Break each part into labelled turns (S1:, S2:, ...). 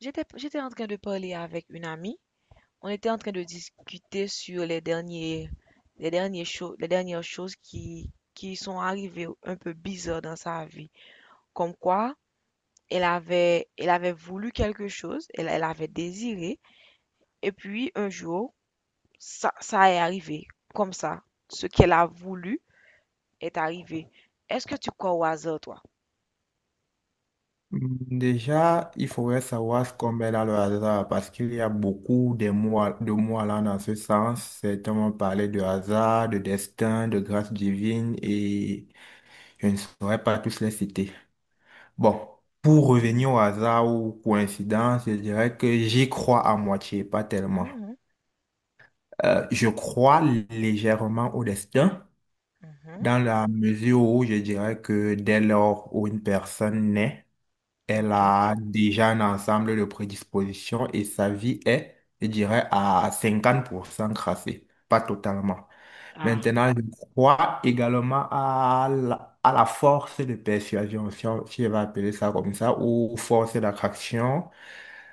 S1: J'étais en train de parler avec une amie. On était en train de discuter sur les dernières choses qui sont arrivées un peu bizarres dans sa vie. Comme quoi, elle avait voulu quelque chose, elle avait désiré, et puis un jour, ça est arrivé. Comme ça, ce qu'elle a voulu est arrivé. Est-ce que tu crois au hasard, toi?
S2: Déjà, il faudrait savoir ce qu'on met dans le hasard parce qu'il y a beaucoup de mots, de mots allant dans ce sens. Certains vont parler de hasard, de destin, de grâce divine et je ne saurais pas tous les citer. Bon, pour revenir au hasard ou coïncidence, je dirais que j'y crois à moitié, pas tellement.
S1: Mhm,
S2: Je crois légèrement au destin
S1: mhm,
S2: dans la mesure où je dirais que dès lors où une personne naît, elle
S1: ok.
S2: a déjà un ensemble de prédispositions et sa vie est, je dirais, à 50% crassée, pas totalement.
S1: Ah,
S2: Maintenant, je crois également à la force de persuasion, si on va appeler ça comme ça, ou force d'attraction,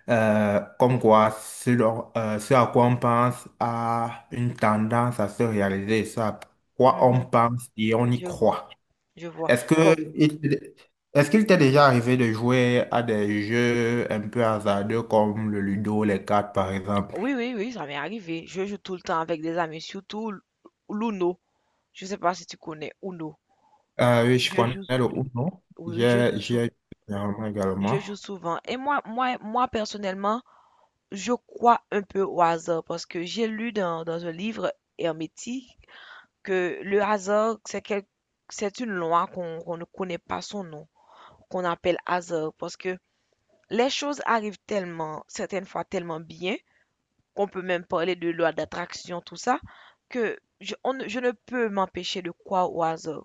S2: comme quoi ce, dont- ce à quoi on pense a une tendance à se réaliser, ce à quoi on
S1: mhm,
S2: pense et on y
S1: je vois,
S2: croit.
S1: je vois.
S2: Est-ce
S1: Comme,
S2: que il Est-ce qu'il t'est déjà arrivé de jouer à des jeux un peu hasardeux comme le Ludo, les cartes par exemple?
S1: Oui, oui, oui, ça m'est arrivé. Je joue tout le temps avec des amis, surtout l'Uno. Je sais pas si tu connais Uno.
S2: Oui, je
S1: Je
S2: connais
S1: joue,
S2: le Uno.
S1: oui, oui,
S2: J'ai j'ai généralement
S1: je
S2: également.
S1: joue souvent. Et moi, personnellement, je crois un peu au hasard parce que j'ai lu dans un livre hermétique que le hasard, c'est une loi qu'on ne connaît pas son nom, qu'on appelle hasard parce que les choses arrivent tellement, certaines fois tellement bien, on peut même parler de loi d'attraction, tout ça, que je ne peux m'empêcher de croire au hasard.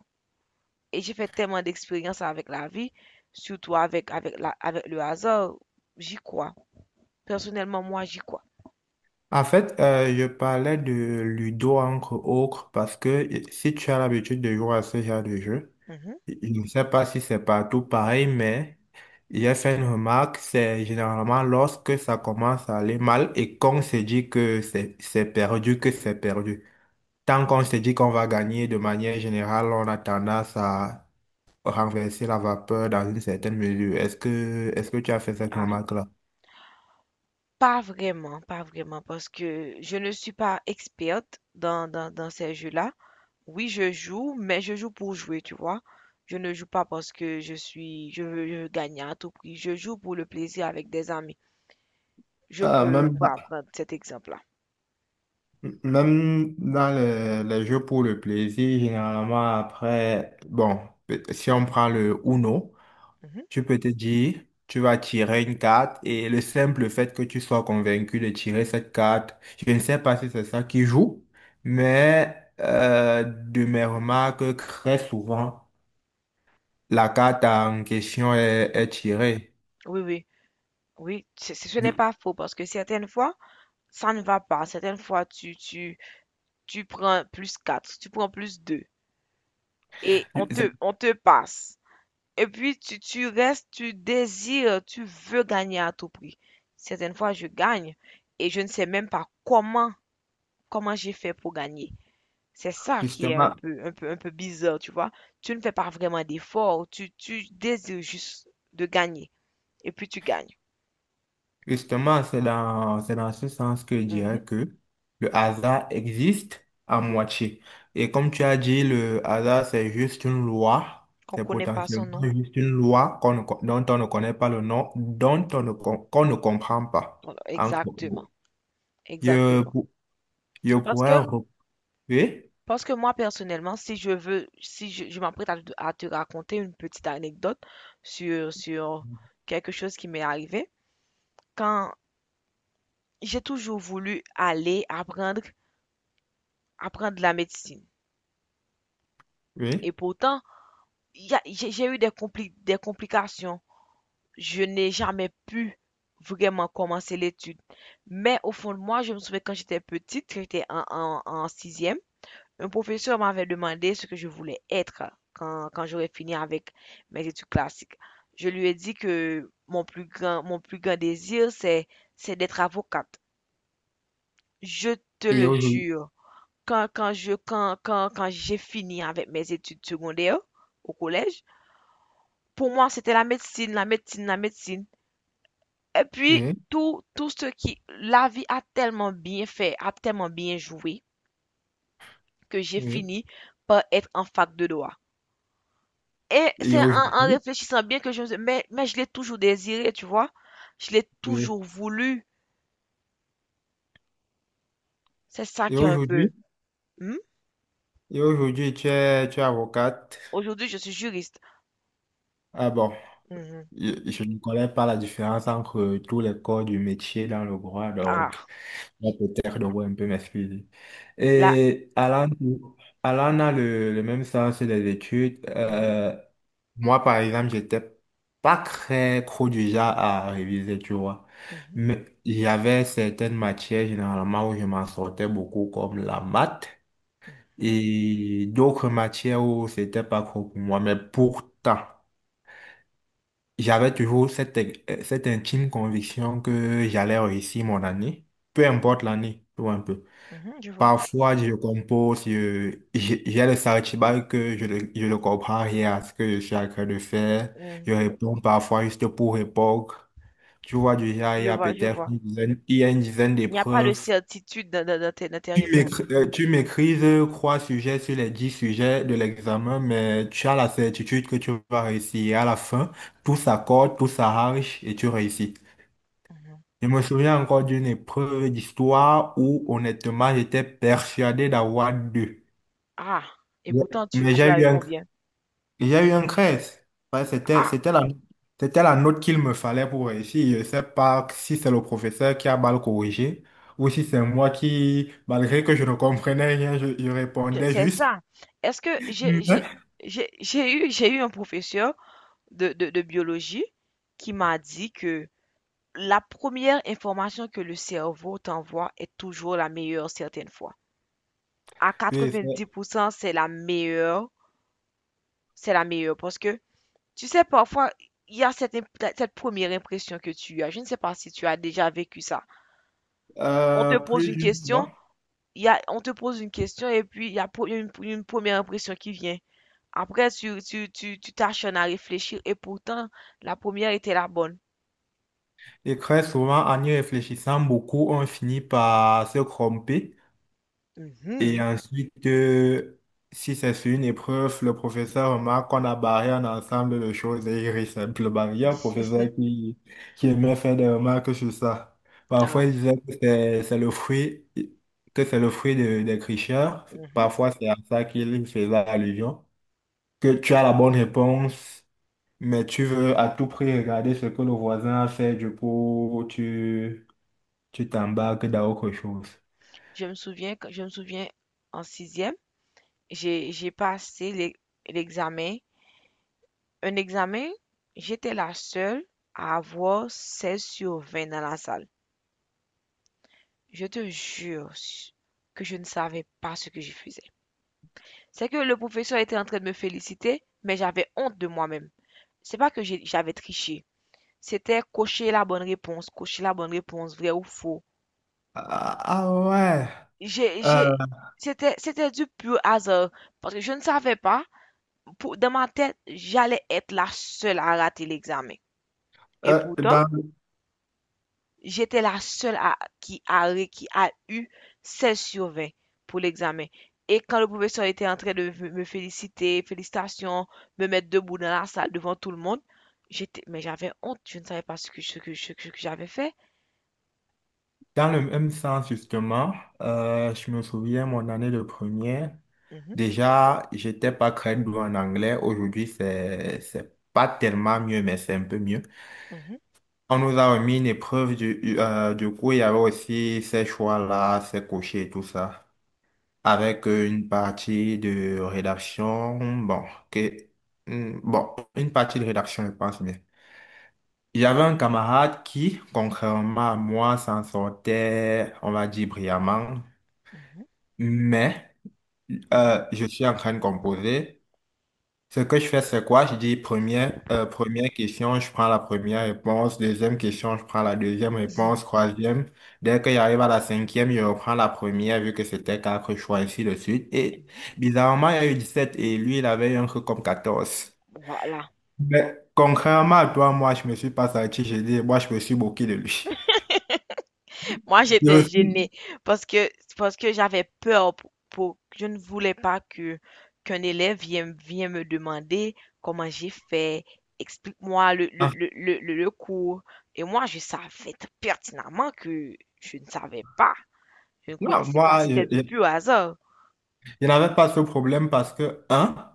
S1: Et j'ai fait tellement d'expériences avec la vie, surtout avec le hasard, j'y crois. Personnellement, moi, j'y crois.
S2: En fait, je parlais de Ludo entre autres parce que si tu as l'habitude de jouer à ce genre de jeu,
S1: Mhm.
S2: je ne sais pas si c'est partout pareil, mais j'ai fait une remarque, c'est généralement lorsque ça commence à aller mal et qu'on se dit que c'est perdu, que c'est perdu. Tant qu'on se dit qu'on va gagner de manière générale, on a tendance à renverser la vapeur dans une certaine mesure. Est-ce que tu as fait cette
S1: Ah,
S2: remarque-là?
S1: pas vraiment, pas vraiment, parce que je ne suis pas experte dans ces jeux-là. Oui, je joue, mais je joue pour jouer, tu vois. Je ne joue pas parce que je veux gagner à tout prix. Je joue pour le plaisir avec des amis. Je
S2: Euh,
S1: peux
S2: même,
S1: pas prendre cet exemple-là.
S2: Même dans les jeux pour le plaisir, généralement après, bon, si on prend le Uno,
S1: Mhm,
S2: tu peux te dire, tu vas tirer une carte et le simple fait que tu sois convaincu de tirer cette carte, je ne sais pas si c'est ça qui joue, mais de mes remarques, très souvent, la carte en question est,
S1: mhm.
S2: est tirée.
S1: Oui, oui, oui, ce
S2: Du-
S1: n'est pas faux parce que certaines fois, ça ne va pas. Certaines fois, tu prends plus 4, tu prends plus 2, et on
S2: du- c'est-
S1: te, on te passe. Et puis, tu restes, tu désires, tu veux gagner à tout prix. Certaines fois, je gagne et je ne sais même pas comment j'ai fait pour gagner. C'est ça qui est un
S2: Justement,
S1: peu, un peu, un peu bizarre, tu vois. Tu ne fais pas vraiment d'effort, tu désires juste de gagner et puis tu gagnes.
S2: Justement, c'est dans ce sens que je
S1: Mhm.
S2: dirais que le hasard existe à moitié. Et comme tu as dit, le hasard, c'est juste une loi.
S1: Qu'on
S2: C'est
S1: connaît pas son
S2: potentiellement
S1: nom.
S2: juste une loi qu'on ne co- dont on ne connaît pas le nom, dont on ne, com- qu'on ne comprend pas.
S1: Voilà,
S2: Encore.
S1: exactement,
S2: Je,
S1: exactement.
S2: pou- je
S1: Parce
S2: pourrais
S1: que,
S2: recouper, oui,
S1: parce que moi, personnellement, si je veux, si je, je m'apprête à te raconter une petite anecdote sur quelque chose qui m'est arrivé, quand j'ai toujours voulu apprendre la médecine. Et
S2: oui,
S1: pourtant, j'ai eu des complications. Je n'ai jamais pu vraiment commencer l'étude. Mais au fond de moi, je me souviens quand j'étais petite, quand j'étais en sixième, un professeur m'avait demandé ce que je voulais être quand j'aurais fini avec mes études classiques. Je lui ai dit que mon plus grand désir, c'est d'être avocate. Je te
S2: et
S1: le
S2: aujourd'hui,
S1: jure. Quand, quand je, quand, quand, quand j'ai fini avec mes études secondaires au collège, pour moi, c'était la médecine, la médecine, la médecine. Et puis,
S2: oui,
S1: la vie a tellement bien fait, a tellement bien joué, que j'ai
S2: oui,
S1: fini par être en fac de droit. Et
S2: et
S1: c'est en
S2: aujourd'hui,
S1: réfléchissant bien que je me suis dit, mais je l'ai toujours désiré, tu vois. Je l'ai
S2: oui,
S1: toujours voulu. C'est ça
S2: et
S1: qui est un peu.
S2: aujourd'hui,
S1: Hmm?
S2: et aujourd'hui, tu es avocate.
S1: Aujourd'hui, je suis juriste.
S2: Ah bon.
S1: Mhm.
S2: Je ne connais pas la différence entre tous les corps du métier dans le droit, donc
S1: Ah,
S2: moi, peut-être devrais un peu m'excuser.
S1: là.
S2: Et Alan, Alan a le même sens des études.
S1: Mhm,
S2: Moi, par exemple, j'étais pas très trop du genre à réviser, tu vois.
S1: mhm,
S2: Mais j'avais certaines matières généralement où je m'en sortais beaucoup, comme la maths,
S1: mhm,
S2: et d'autres matières où c'était pas trop pour moi. Mais pourtant, j'avais toujours cette, cette intime conviction que j'allais réussir mon année, peu importe
S1: mhm,
S2: l'année, tout un peu.
S1: mhm, je vois.
S2: Parfois, je compose, j'ai le sentiment que je ne comprends rien à ce que je suis en train de faire. Je
S1: Mhm.
S2: réponds parfois juste pour répondre. Tu vois, déjà,
S1: Je vois, je vois.
S2: il y a une dizaine
S1: Il n'y a pas de
S2: d'épreuves.
S1: certitude dans tes réponses.
S2: Tu maîtrises trois sujets sur les dix sujets de l'examen, mais tu as la certitude que tu vas réussir. Et à la fin, tout s'accorde, tout s'arrange et tu réussis.
S1: Mhm.
S2: Je me souviens encore d'une épreuve d'histoire où, honnêtement, j'étais persuadé d'avoir deux.
S1: Ah, et
S2: Yeah.
S1: pourtant tu,
S2: Mais
S1: tu as eu combien?
S2: j'ai eu un crèse. Ouais,
S1: Ah,
S2: c'était la note qu'il me fallait pour réussir. Je ne sais pas si c'est le professeur qui a mal corrigé ou si c'est moi qui, malgré que je ne comprenais rien, je répondais
S1: c'est
S2: juste.
S1: ça. Est-ce que j'ai j'ai
S2: Mm.
S1: j'ai j'ai eu j'ai eu un professeur de biologie qui m'a dit que la première information que le cerveau t'envoie est toujours la meilleure certaines fois. À
S2: Oui,
S1: quatre-vingt-dix pour cent c'est la meilleure parce que tu sais parfois il y a cette première impression que tu as. Je ne sais pas si tu as déjà vécu ça. On te pose
S2: plus
S1: une
S2: d'une
S1: question
S2: fois.
S1: on te pose une question et puis il y a, pro- il y a une première impression qui vient. Après, tu t'acharnes à réfléchir et pourtant, la première était la bonne.
S2: Et très souvent, en y réfléchissant beaucoup, on finit par se tromper. Et
S1: Mhm.
S2: ensuite, si c'est sur une épreuve, le professeur remarque qu'on a barré un ensemble de choses et il rit simplement. Il y a un professeur qui aimait faire des remarques sur ça. Parfois,
S1: Ah,
S2: il disait que c'est le fruit, que c'est le fruit des tricheurs.
S1: mhm.
S2: Parfois, c'est à ça qu'il faisait allusion. Que tu as la bonne réponse. Mais tu veux à tout prix regarder ce que le voisin a fait, du coup, tu t'embarques dans autre chose.
S1: Je me souviens en sixième, j'ai passé l'examen. Un examen, j'étais la seule à avoir 16/20 dans la salle. Je te jure que je ne savais pas ce que je faisais. C'est que le professeur était en train de me féliciter, mais j'avais honte de moi-même. C'est pas que j'avais triché. C'était cocher la bonne réponse, cocher la bonne réponse, vrai ou faux.
S2: Ah, ah ouais.
S1: J'ai, j'ai,
S2: Euh,
S1: c'était du pur hasard. Parce que je ne savais pas, dans ma tête, j'allais être la seule à rater l'examen. Et
S2: euh,
S1: pourtant,
S2: dans,
S1: j'étais la seule à, qui a, ré- qui a eu 16/20 pour l'examen. Et quand le professeur était en train de me féliciter, félicitations, me mettre debout dans la salle devant tout le monde, mais j'avais honte, je ne savais pas ce que j'avais fait.
S2: Dans le même sens, justement, je me souviens, mon année de première,
S1: Mhm.
S2: déjà, j'étais pas très doué en anglais. Aujourd'hui, c'est pas tellement mieux, mais c'est un peu mieux.
S1: Mhm,
S2: On nous a remis une épreuve, du coup, il y avait aussi ces choix-là, ces cochers et tout ça, avec
S1: mhm,
S2: une partie de rédaction, que, bon, une partie de rédaction, je pense bien. Il y avait un camarade qui, contrairement à moi, s'en sortait, on va dire, brillamment,
S1: mhm,
S2: mais je suis en train de composer. Ce que je fais, c'est quoi? Je dis première question, je prends la première réponse. Deuxième question, je prends la deuxième
S1: mhm.
S2: réponse. Troisième. Dès que j'arrive à la cinquième, je reprends la première vu que c'était quatre choix, ainsi de suite. Et bizarrement, il y a eu 17 et lui, il avait eu un truc comme quatorze.
S1: Voilà.
S2: Mais contrairement à toi, moi, je me suis pas sorti j'ai dit, moi, je me suis moqué de lui.
S1: Moi,
S2: Je
S1: j'étais
S2: me suis-
S1: gênée parce que, parce que j'avais peur je ne voulais pas qu'un élève vienne me demander comment j'ai fait, explique-moi
S2: Ah,
S1: le cours. Et moi, je savais pertinemment que je ne savais pas. Je ne
S2: non,
S1: connaissais pas. C'était du pur hasard.
S2: je n'avais pas ce problème parce que, hein?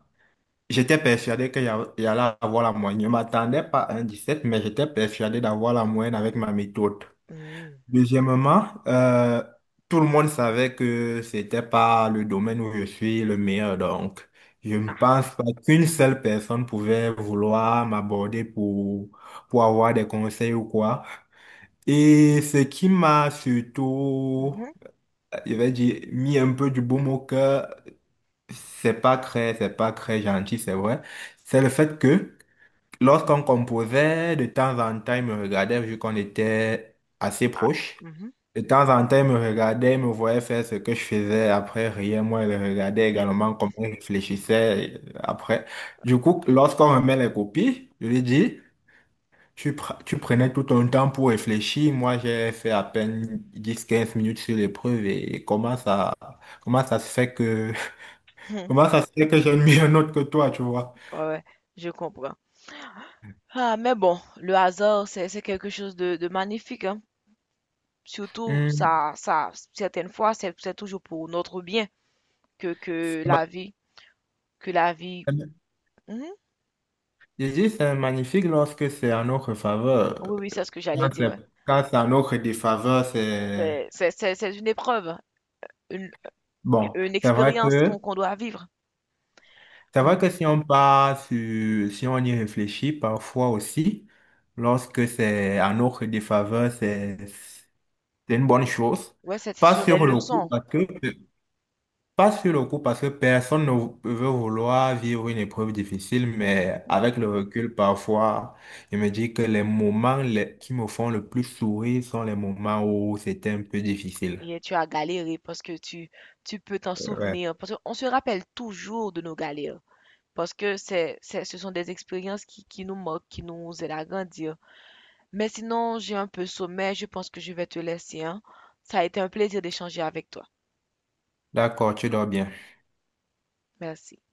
S2: J'étais persuadé que y a- il y allait avoir la moyenne. Je ne m'attendais pas à un 17 mais j'étais persuadé d'avoir la moyenne avec ma méthode.
S1: Mmh.
S2: Deuxièmement, tout le monde savait que c'était pas le domaine où je suis le meilleur, donc je ne
S1: Ah.
S2: pense pas qu'une seule personne pouvait vouloir m'aborder pour avoir des conseils ou quoi. Et ce qui m'a surtout,
S1: Mhm.
S2: je vais dire, mis un peu du baume au cœur, c'est pas très gentil, c'est vrai. C'est le fait que lorsqu'on composait, de temps en temps, il me regardait vu qu'on était assez
S1: Ah.
S2: proches.
S1: Mhm.
S2: De temps en temps, il me regardait, il me voyait faire ce que je faisais. Après, rien, moi, il le regardait également comment il réfléchissait après. Du coup, lorsqu'on remet les copies, je lui dis, tu prenais tout ton temps pour réfléchir. Moi, j'ai fait à peine 10-15 minutes sur l'épreuve et comment ça se fait que, comment ça se fait que j'ai mis un autre que toi, tu vois.
S1: Ouais, ouais, je comprends. Ah, mais bon, le hasard, c'est quelque chose de magnifique, hein. Surtout,
S2: Hmm.
S1: certaines fois, c'est toujours pour notre bien que, que la vie, que la vie. Mhm.
S2: Je dis, c'est magnifique lorsque c'est en notre faveur.
S1: Oui, oui, c'est ce que j'allais
S2: Quand
S1: dire,
S2: c'est
S1: ouais.
S2: Quand c'est en notre défaveur, c'est
S1: C'est une épreuve, une,
S2: bon.
S1: une
S2: C'est vrai
S1: expérience
S2: que
S1: qu'on doit vivre. Mmh.
S2: si on part sur, si on y réfléchit parfois aussi, lorsque c'est en notre défaveur,
S1: Mmh.
S2: c'est une bonne chose.
S1: Ouais, c'est
S2: Pas
S1: sur des
S2: sur le coup,
S1: leçons.
S2: parce que Pas sur le coup, parce que personne ne vou- veut vouloir vivre une épreuve difficile, mais
S1: Mmh.
S2: avec le recul, parfois, je me dis que qui me font le plus sourire sont les moments où c'était un peu difficile.
S1: Et tu as galéré parce que tu peux t'en
S2: Ouais.
S1: souvenir. Parce qu'on se rappelle toujours de nos galères parce que c'est ce sont des expériences qui nous marquent, qui nous aident à grandir. Mais sinon, j'ai un peu sommeil, je pense que je vais te laisser, hein. Ça a été un plaisir d'échanger avec toi.
S2: D'accord, tu dors bien.
S1: Merci.